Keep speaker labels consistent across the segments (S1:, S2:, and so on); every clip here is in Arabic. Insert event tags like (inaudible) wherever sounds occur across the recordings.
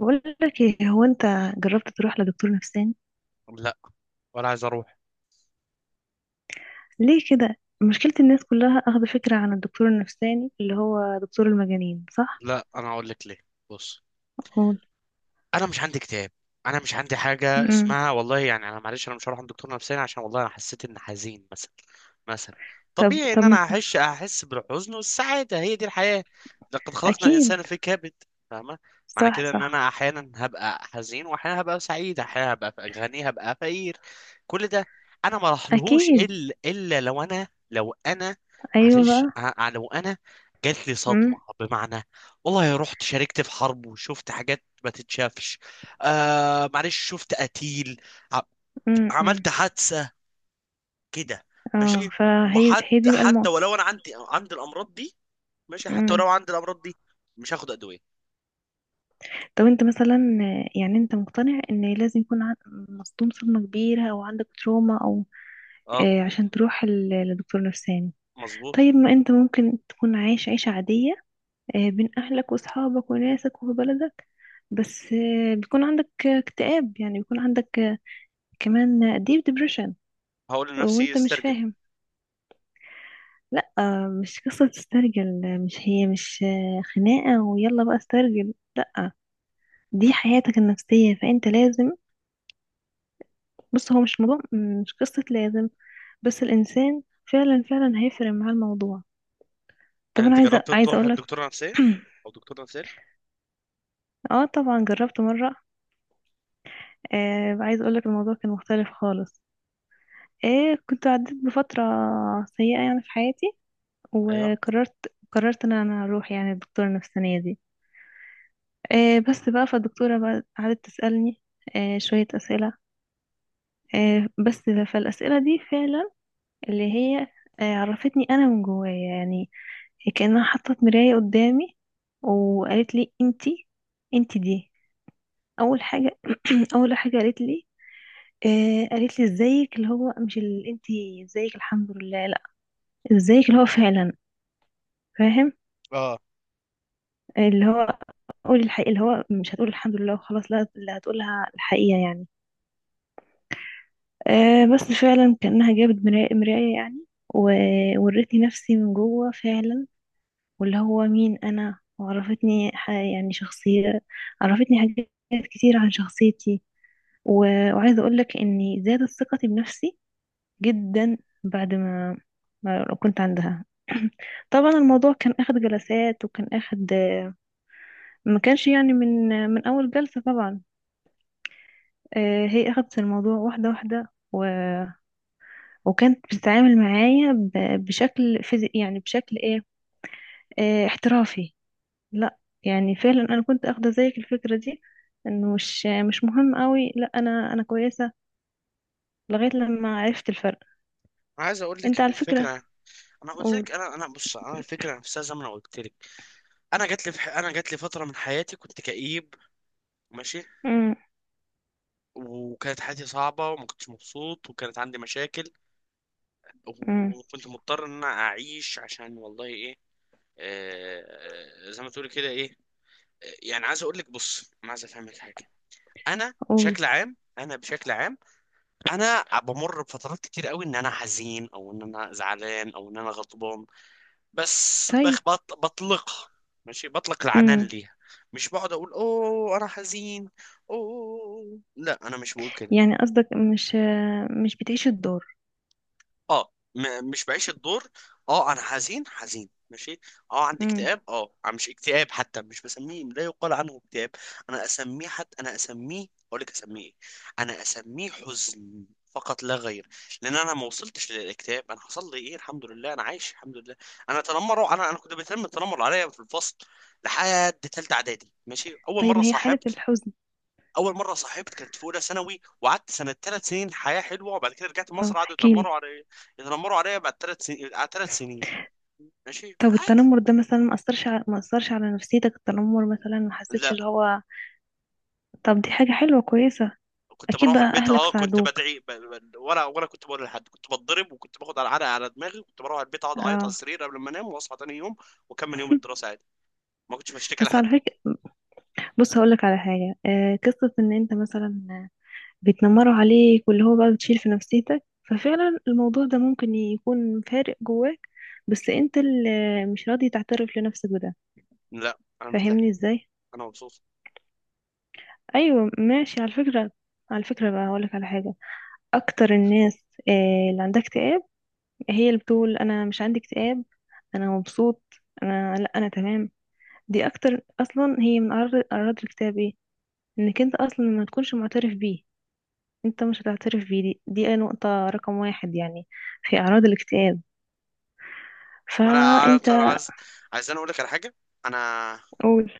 S1: بقول لك ايه؟ هو انت جربت تروح لدكتور نفساني؟
S2: لا. ولا عايز اروح.
S1: ليه كده؟ مشكلة الناس كلها اخذ فكرة عن الدكتور النفساني اللي هو دكتور المجانين، صح؟
S2: لا، انا اقول لك ليه. بص.
S1: قول.
S2: انا مش عندي كتاب. انا مش عندي حاجه
S1: امم
S2: اسمها. والله يعني انا معلش انا مش هروح عند دكتور نفساني عشان والله انا حسيت ان حزين مثلا. مثلا
S1: طب
S2: طبيعي ان
S1: طب
S2: انا
S1: مثلا.
S2: احس بالحزن والسعاده، هي دي الحياه. لقد خلقنا
S1: اكيد.
S2: الانسان في كبد. فاهمه؟ معنى
S1: صح
S2: كده ان
S1: صح.
S2: انا احيانا هبقى حزين، واحيانا هبقى سعيد، احيانا هبقى غني، هبقى فقير. كل ده. انا ما راحلهوش
S1: اكيد.
S2: الا لو انا
S1: ايوه
S2: معلش
S1: بقى.
S2: لو انا جات لي صدمه،
S1: امم
S2: بمعنى، والله رحت شاركت في حرب وشفت حاجات ما تتشافش. آه معلش، شفت قتيل. ع-
S1: أمم.
S2: عملت حادثة، كده.
S1: اه،
S2: ماشي.
S1: فهي هي
S2: وحتى
S1: دي بقى
S2: حتى
S1: المو...
S2: ولو انا عندي الامراض دي، ماشي، حتى
S1: امم
S2: ولو عندي الامراض دي مش هاخد ادوية.
S1: طب انت مثلا، يعني انت مقتنع ان لازم يكون مصدوم صدمة كبيرة او عندك تروما او
S2: اه،
S1: عشان تروح لدكتور نفساني؟
S2: مظبوط.
S1: طيب، ما انت ممكن تكون عايش عيشة عادية، بين أهلك وأصحابك وناسك وفي بلدك، بس بيكون عندك اكتئاب، يعني بيكون عندك كمان ديب ديبريشن
S2: هقول لنفسي
S1: وانت مش
S2: استرجل.
S1: فاهم. لا مش قصة تسترجل، مش هي، مش خناقة ويلا بقى استرجل، لا. دي حياتك النفسية فانت لازم... بص، هو مش موضوع، مش قصة لازم، بس الإنسان فعلا هيفرق معاه الموضوع.
S2: هل
S1: طب أنا
S2: انت
S1: عايزة
S2: جربت
S1: عايزة
S2: تروح عند
S1: أقولك...
S2: دكتورة نفسية او
S1: (clears throat)
S2: دكتور نفساني؟
S1: اه طبعا، جربت مرة. آه عايزة أقولك الموضوع كان مختلف خالص. ايه، كنت عديت بفترة سيئة يعني في حياتي
S2: ايوه.
S1: وقررت، قررت ان انا اروح يعني الدكتورة النفسانية دي. إيه بس بقى، فالدكتورة بقى قعدت تسألني إيه شوية أسئلة إيه بس، فالأسئلة دي فعلا اللي هي إيه، عرفتني انا من جوايا يعني، كأنها حطت مراية قدامي وقالت لي انتي، انتي دي. اول حاجة (clears throat) اول حاجة قالت لي، آه قالت لي ازيك؟ اللي هو مش ال... انتي ازيك؟ الحمد لله، لا. ازيك؟ اللي هو فعلا، فاهم،
S2: اه.
S1: اللي هو قول الحقيقة، اللي هو مش هتقول الحمد لله وخلاص، لا، اللي هتقولها الحقيقة يعني. آه بس فعلا كأنها جابت مراية يعني، وورتني نفسي من جوه فعلا، واللي هو مين أنا، وعرفتني يعني شخصية، عرفتني حاجات كتير عن شخصيتي. وعايزة أقولك إني زادت ثقتي بنفسي جدا، بعد ما، ما كنت عندها. (clears throat) طبعا الموضوع كان اخد جلسات وكان اخد، ما كانش يعني من اول جلسة طبعا. هي أخدت الموضوع واحدة واحدة و... وكانت بتتعامل معايا ب... بشكل فيزي... يعني بشكل إيه، احترافي. لا يعني فعلا، أنا كنت أخدة زيك الفكرة دي، إنه مش مهم قوي، لا، أنا كويسة، لغاية لما عرفت الفرق.
S2: انا عايز اقول لك
S1: أنت
S2: ان
S1: على فكرة...
S2: الفكره، انا قلت لك
S1: قول.
S2: انا. بص، انا الفكره نفسها زي ما انا قلت لك. انا جات لي فتره من حياتي كنت كئيب. ماشي.
S1: أمم،
S2: وكانت حياتي صعبة وما كنتش مبسوط وكانت عندي مشاكل،
S1: أمم،
S2: وكنت مضطر ان انا اعيش عشان والله ايه. آه، آه، زي ما تقولي كده ايه. آه، يعني عايز اقول لك، بص انا عايز افهمك حاجة. انا
S1: قول.
S2: بشكل عام انا بشكل عام انا بمر بفترات كتير قوي ان انا حزين، او ان انا زعلان، او ان انا غضبان. بس
S1: طيب.
S2: بطلقها، ماشي، بطلق العنان
S1: أمم.
S2: ليها. مش بقعد اقول اوه انا حزين. اوه لا، انا مش بقول كده.
S1: يعني قصدك مش مش بتعيش الدور.
S2: اه، مش بعيش الدور. اه، انا حزين حزين، ماشي. اه، عندي
S1: أمم.
S2: اكتئاب. اه، أنا مش اكتئاب حتى، مش بسميه، لا يقال عنه اكتئاب. انا اسميه حتى، انا اسميه، اقول لك اسميه ايه. انا اسميه حزن فقط لا غير. لان انا ما وصلتش للاكتئاب. انا حصل لي ايه؟ الحمد لله انا عايش، الحمد لله. انا تنمروا، انا كنت بيتم التنمر عليا في الفصل لحد تالتة اعدادي. ماشي.
S1: طيب، ما هي حالة الحزن...
S2: اول مره صاحبت كانت في اولى ثانوي، وقعدت سنه ثلاث سنين، حياه حلوه. وبعد كده رجعت مصر،
S1: اه
S2: قعدوا
S1: احكيلي.
S2: يتنمروا عليا بعد ثلاث سنين، على ثلاث سنين. ماشي،
S1: طب
S2: عادي.
S1: التنمر ده مثلا ما اثرش على، ما اثرش على نفسيتك؟ التنمر مثلا ما حسيتش
S2: لا،
S1: اللي هو... طب دي حاجة حلوة كويسة.
S2: كنت
S1: اكيد
S2: بروح
S1: بقى
S2: البيت.
S1: اهلك
S2: اه، كنت
S1: ساعدوك؟
S2: بدعي، ولا كنت بقول لحد. كنت بتضرب، وكنت باخد على علقه على دماغي، وكنت بروح البيت اقعد اعيط على
S1: اه.
S2: السرير قبل ما انام، واصحى تاني يوم واكمل يوم
S1: (laughs)
S2: الدراسه عادي. ما كنتش بشتكي
S1: بس على
S2: لحد.
S1: فكرة، بص هقولك على حاجة. آه، قصة ان انت مثلا بيتنمروا عليك واللي هو بقى بتشيل في نفسيتك، ففعلا الموضوع ده ممكن يكون فارق جواك، بس انت اللي مش راضي تعترف لنفسك بده.
S2: لا، انا مرتاح.
S1: فاهمني ازاي؟
S2: انا مبسوط.
S1: ايوه ماشي. على فكرة، على فكرة بقى هقولك على حاجة. اكتر الناس اللي عندها اكتئاب هي اللي بتقول انا مش عندي اكتئاب، انا مبسوط، انا لا، انا تمام. دي اكتر اصلا هي من اعراض، اعراض الاكتئاب، ايه، انك انت اصلا ما تكونش معترف بيه. انت مش هتعترف بيه، دي، دي نقطة رقم واحد يعني في اعراض الاكتئاب.
S2: ما انا
S1: فانت...
S2: عارف. انا عايز انا اقول لك على حاجه. انا
S1: قول.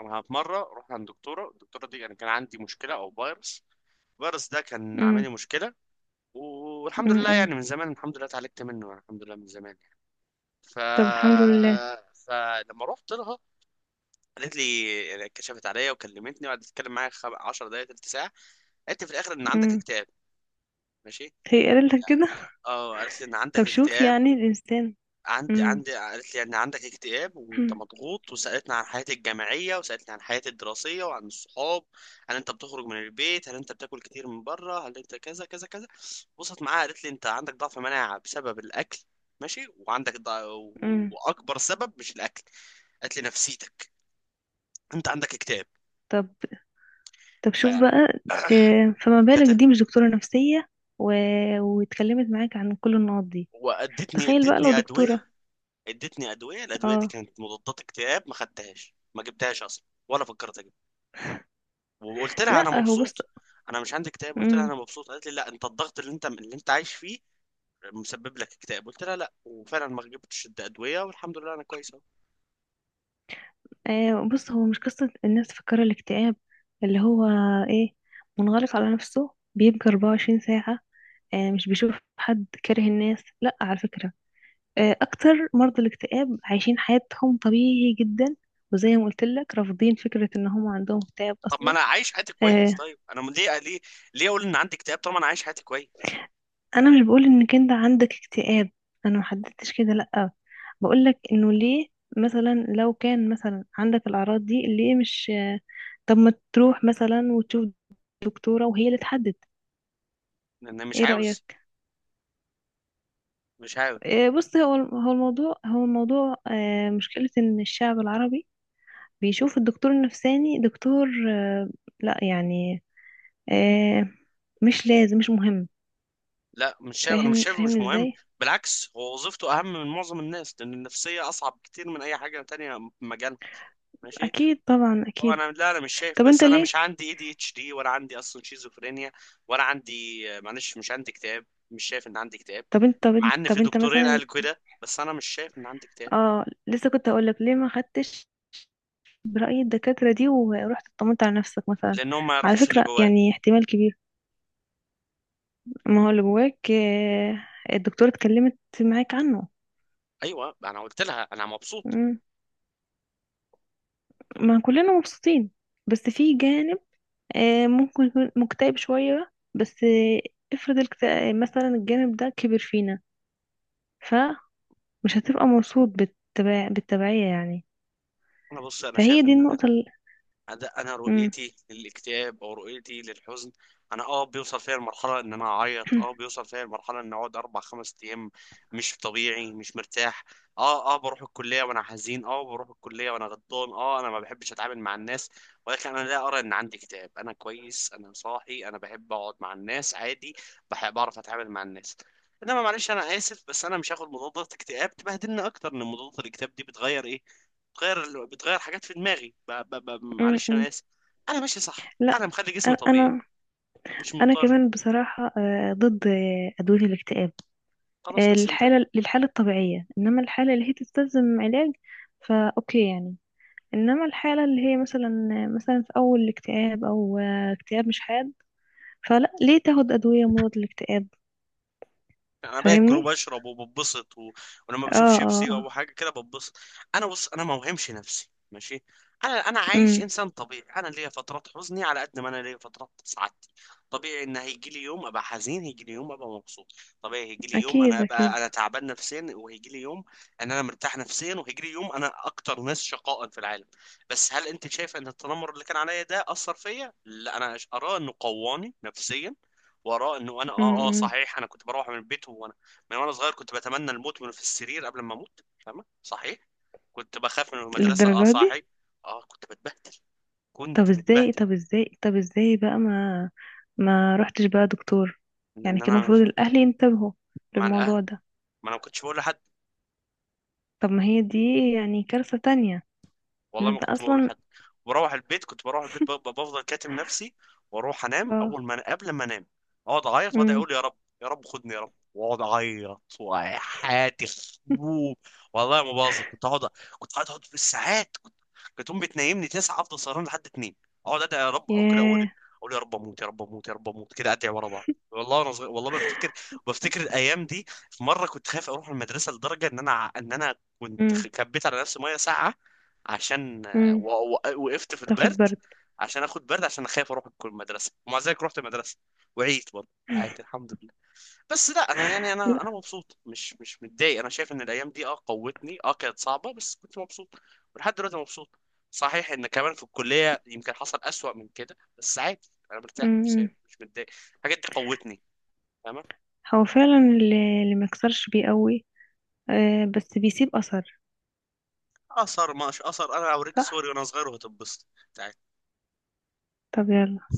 S2: انا في مره رحت عند دكتوره. الدكتوره دي، يعني، كان عندي مشكله او فيروس. الفيروس ده كان عامل
S1: امم
S2: لي مشكله، والحمد لله
S1: امم
S2: يعني من زمان، الحمد لله اتعالجت منه، يعني الحمد لله من زمان يعني. ف
S1: طب الحمد لله.
S2: فلما رحت لها، قالت لي، يعني كشفت عليا وكلمتني وقعدت تتكلم معايا 10 دقائق، تلت ساعه. قالت لي في الاخر ان عندك
S1: امم
S2: اكتئاب. ماشي.
S1: هي قالت لك كده؟
S2: اه، قالت لي ان
S1: طب
S2: عندك
S1: شوف
S2: اكتئاب.
S1: يعني الانسان...
S2: عندي
S1: امم
S2: عندي قالت لي ان عندك اكتئاب وانت مضغوط، وسالتني عن حياتي الجامعيه، وسالتني عن حياتي الدراسيه وعن الصحاب. هل انت بتخرج من البيت؟ هل انت بتاكل كتير من بره؟ هل انت كذا كذا كذا؟ بصت معاها قالت لي انت عندك ضعف مناعه بسبب الاكل. ماشي، وعندك و-
S1: امم
S2: واكبر سبب مش الاكل. قالت لي نفسيتك، انت عندك اكتئاب.
S1: طب، طب
S2: ف
S1: شوف بقى، فما
S2: (clears throat) كت-
S1: بالك دي مش دكتورة نفسية و... واتكلمت معاك عن كل النقط دي.
S2: وادتني
S1: تخيل بقى لو
S2: ادتني
S1: دكتورة...
S2: ادويه. ادتني ادويه، الادويه دي
S1: اه.
S2: كانت مضادات اكتئاب. ما خدتهاش، ما جبتهاش اصلا، ولا فكرت. وقلت لها انا
S1: لا هو بص...
S2: مبسوط، انا مش عندي اكتئاب. قلت لها
S1: امم
S2: انا مبسوط. قالت لي لا، انت الضغط اللي انت عايش فيه مسبب لك اكتئاب. قلت لها لا، وفعلا ما جبتش ادويه، والحمد لله انا كويس اهو.
S1: آه بص، هو مش قصة الناس فكر الاكتئاب اللي هو ايه، منغلق على نفسه، بيبقى 24 ساعة، آه، مش بيشوف حد، كاره الناس، لا على فكرة، آه اكتر مرضى الاكتئاب عايشين حياتهم طبيعي جدا، وزي ما قلت لك رافضين فكرة ان هم عندهم اكتئاب
S2: طب ما
S1: اصلا.
S2: انا عايش حياتي كويس،
S1: آه،
S2: طيب انا ليه اقول ان عندي اكتئاب طالما انا عايش حياتي كويس؟
S1: انا مش بقول انك انت عندك اكتئاب، انا محددتش كده لا، بقولك انه ليه مثلا لو كان مثلا عندك الاعراض دي ليه مش... طب ما تروح مثلا وتشوف دكتورة وهي اللي تحدد،
S2: لان مش
S1: ايه
S2: عاوز.
S1: رأيك؟
S2: مش عاوز
S1: إيه بص، هو الموضوع، هو الموضوع مشكلة ان الشعب العربي بيشوف الدكتور النفساني دكتور لا يعني آه، مش لازم، مش مهم.
S2: لا، مش شايف، انا مش
S1: فاهمني،
S2: شايفه مش
S1: فاهمني
S2: مهم.
S1: ازاي؟
S2: بالعكس، هو وظيفته اهم من معظم الناس، لان النفسيه اصعب كتير من اي حاجه تانية في مجالها، ماشي.
S1: اكيد طبعا،
S2: هو
S1: اكيد.
S2: انا، لا انا مش شايف،
S1: طب انت
S2: بس انا
S1: ليه...
S2: مش عندي ADHD ولا عندي اصلا شيزوفرينيا. ولا عندي، معلش، مش عندي اكتئاب، مش شايف ان عندي اكتئاب.
S1: طب انت، طب
S2: مع
S1: انت،
S2: ان
S1: طب
S2: في
S1: انت
S2: دكتورين
S1: مثلا...
S2: قالوا كده، بس انا مش شايف ان عندي اكتئاب.
S1: اه لسه كنت هقول لك ليه ما خدتش برأي الدكاترة دي ورحت اطمنت على نفسك مثلا.
S2: لانهم ما
S1: على
S2: يعرفوش اللي
S1: فكرة
S2: جوايا.
S1: يعني احتمال كبير ما هو اللي جواك الدكتورة اتكلمت معاك عنه.
S2: ايوه، انا قلت لها انا مبسوط.
S1: مم. ما كلنا مبسوطين، بس في جانب ممكن يكون مكتئب شوية، بس افرض الكتئاب مثلا، الجانب ده كبر فينا، فمش هتبقى مبسوط بالتبع... بالتبعية يعني.
S2: انا بص، انا
S1: فهي
S2: شايف
S1: دي
S2: ان
S1: النقطة ال...
S2: ده، انا
S1: مم.
S2: رؤيتي للاكتئاب او رؤيتي للحزن. انا بيوصل فيا المرحله ان انا اعيط،
S1: (clears throat)
S2: بيوصل فيا المرحله ان اقعد اربع خمس ايام مش طبيعي، مش مرتاح. اه بروح الكليه وانا حزين، بروح الكليه وانا غضبان. اه انا ما بحبش اتعامل مع الناس، ولكن انا لا ارى ان عندي اكتئاب. انا كويس، انا صاحي، انا بحب اقعد مع الناس عادي، بحب بعرف اتعامل مع الناس. انما معلش انا اسف، بس انا مش هاخد مضادات اكتئاب تبهدلنا اكتر. ان مضادات الاكتئاب دي بتغير ايه؟ بتغير حاجات في دماغي،
S1: مم،
S2: معلش
S1: مم.
S2: انا اسف. انا ماشي صح،
S1: لا،
S2: انا مخلي جسمي طبيعي.
S1: انا،
S2: مش
S1: انا
S2: مضطر.
S1: كمان بصراحه ضد ادويه الاكتئاب.
S2: خلاص، بس انت،
S1: الحاله للحاله الطبيعيه، انما الحاله اللي هي تستلزم علاج فاوكي يعني، انما الحاله اللي هي مثلا، مثلا في اول اكتئاب او اكتئاب مش حاد فلا، ليه تاخد ادويه مضاد للاكتئاب؟
S2: يعني انا باكل
S1: فاهمني.
S2: وبشرب وببسط و... ولما
S1: اه
S2: بشوف
S1: اه
S2: شيبسي
S1: اه.
S2: او حاجه كده ببسط. انا بص، انا ما وهمش نفسي، ماشي. انا عايش
S1: امم
S2: انسان طبيعي. انا ليا فترات حزني على قد ما انا ليا فترات سعادتي. طبيعي ان هيجي لي يوم ابقى حزين، هيجي لي يوم ابقى مبسوط. طبيعي هيجي لي يوم انا
S1: اكيد
S2: ابقى
S1: اكيد.
S2: انا تعبان نفسيا، وهيجي لي يوم ان انا مرتاح نفسيا، وهيجي لي يوم انا اكتر ناس شقاء في العالم. بس هل انت شايف ان التنمر اللي كان عليا ده اثر فيا؟ لا، انا اراه انه قواني نفسيا. وراء انه انا
S1: امم
S2: صحيح، انا كنت بروح من البيت وانا صغير كنت بتمنى الموت وانا في السرير قبل ما اموت. فاهمه؟ صحيح كنت بخاف من المدرسه. اه
S1: للدرجه دي؟
S2: صحيح، اه كنت بتبهدل،
S1: طب
S2: كنت
S1: ازاي،
S2: متبهدل.
S1: طب ازاي، طب ازاي بقى، ما رحتش بقى دكتور؟
S2: ان
S1: يعني كان
S2: انا
S1: المفروض الاهل ينتبهوا
S2: مع الاهل،
S1: للموضوع ده.
S2: ما انا ما كنتش بقول لحد.
S1: طب ما هي دي يعني كارثة تانية، ان
S2: والله ما
S1: انت
S2: كنت بقول
S1: اصلا...
S2: لحد. بروح البيت، كنت بروح البيت بفضل كاتم نفسي، واروح انام
S1: اه.
S2: اول ما قبل ما انام اقعد اعيط واقعد
S1: امم
S2: اقول يا رب، يا رب خدني، يا رب، واقعد اعيط وحياتي خروب. والله ما بهزر، كنت اقعد، كنت قاعد اقعد بالساعات. كنت، كانت امي بتنيمني 9، افضل سهران لحد 2. اقعد ادعي يا رب او كده، اقول
S1: ياه.
S2: اقول يا رب اموت، يا رب اموت، يا رب اموت، كده ادعي ورا بعض. والله انا صغير، والله بفتكر الايام دي. في مره كنت خايف اروح المدرسه لدرجه ان انا، ان انا كنت
S1: امم
S2: كبيت على نفسي ميه ساقعه عشان،
S1: امم
S2: و- و- وقفت في
S1: تاخد
S2: البرد
S1: برد.
S2: عشان اخد برد، عشان اخاف اروح المدرسه. ومع ذلك رحت المدرسه، وعيت برضه عادي الحمد لله. بس لا انا يعني، انا
S1: لا.
S2: انا مبسوط، مش متضايق. انا شايف ان الايام دي قوتني. اه كانت صعبه بس كنت مبسوط، ولحد دلوقتي مبسوط. صحيح ان كمان في الكليه يمكن حصل اسوأ من كده، بس عادي، انا مرتاح
S1: امم
S2: نفسياً،
S1: امم.
S2: مش متضايق. الحاجات دي قوتني. تمام.
S1: هو فعلا اللي اللي مكسرش بيقوي، آه بس بيسيب اثر.
S2: اثر؟ مش اثر، انا اوريك
S1: صح.
S2: صوري وانا صغير وهتنبسط.
S1: طب يلا.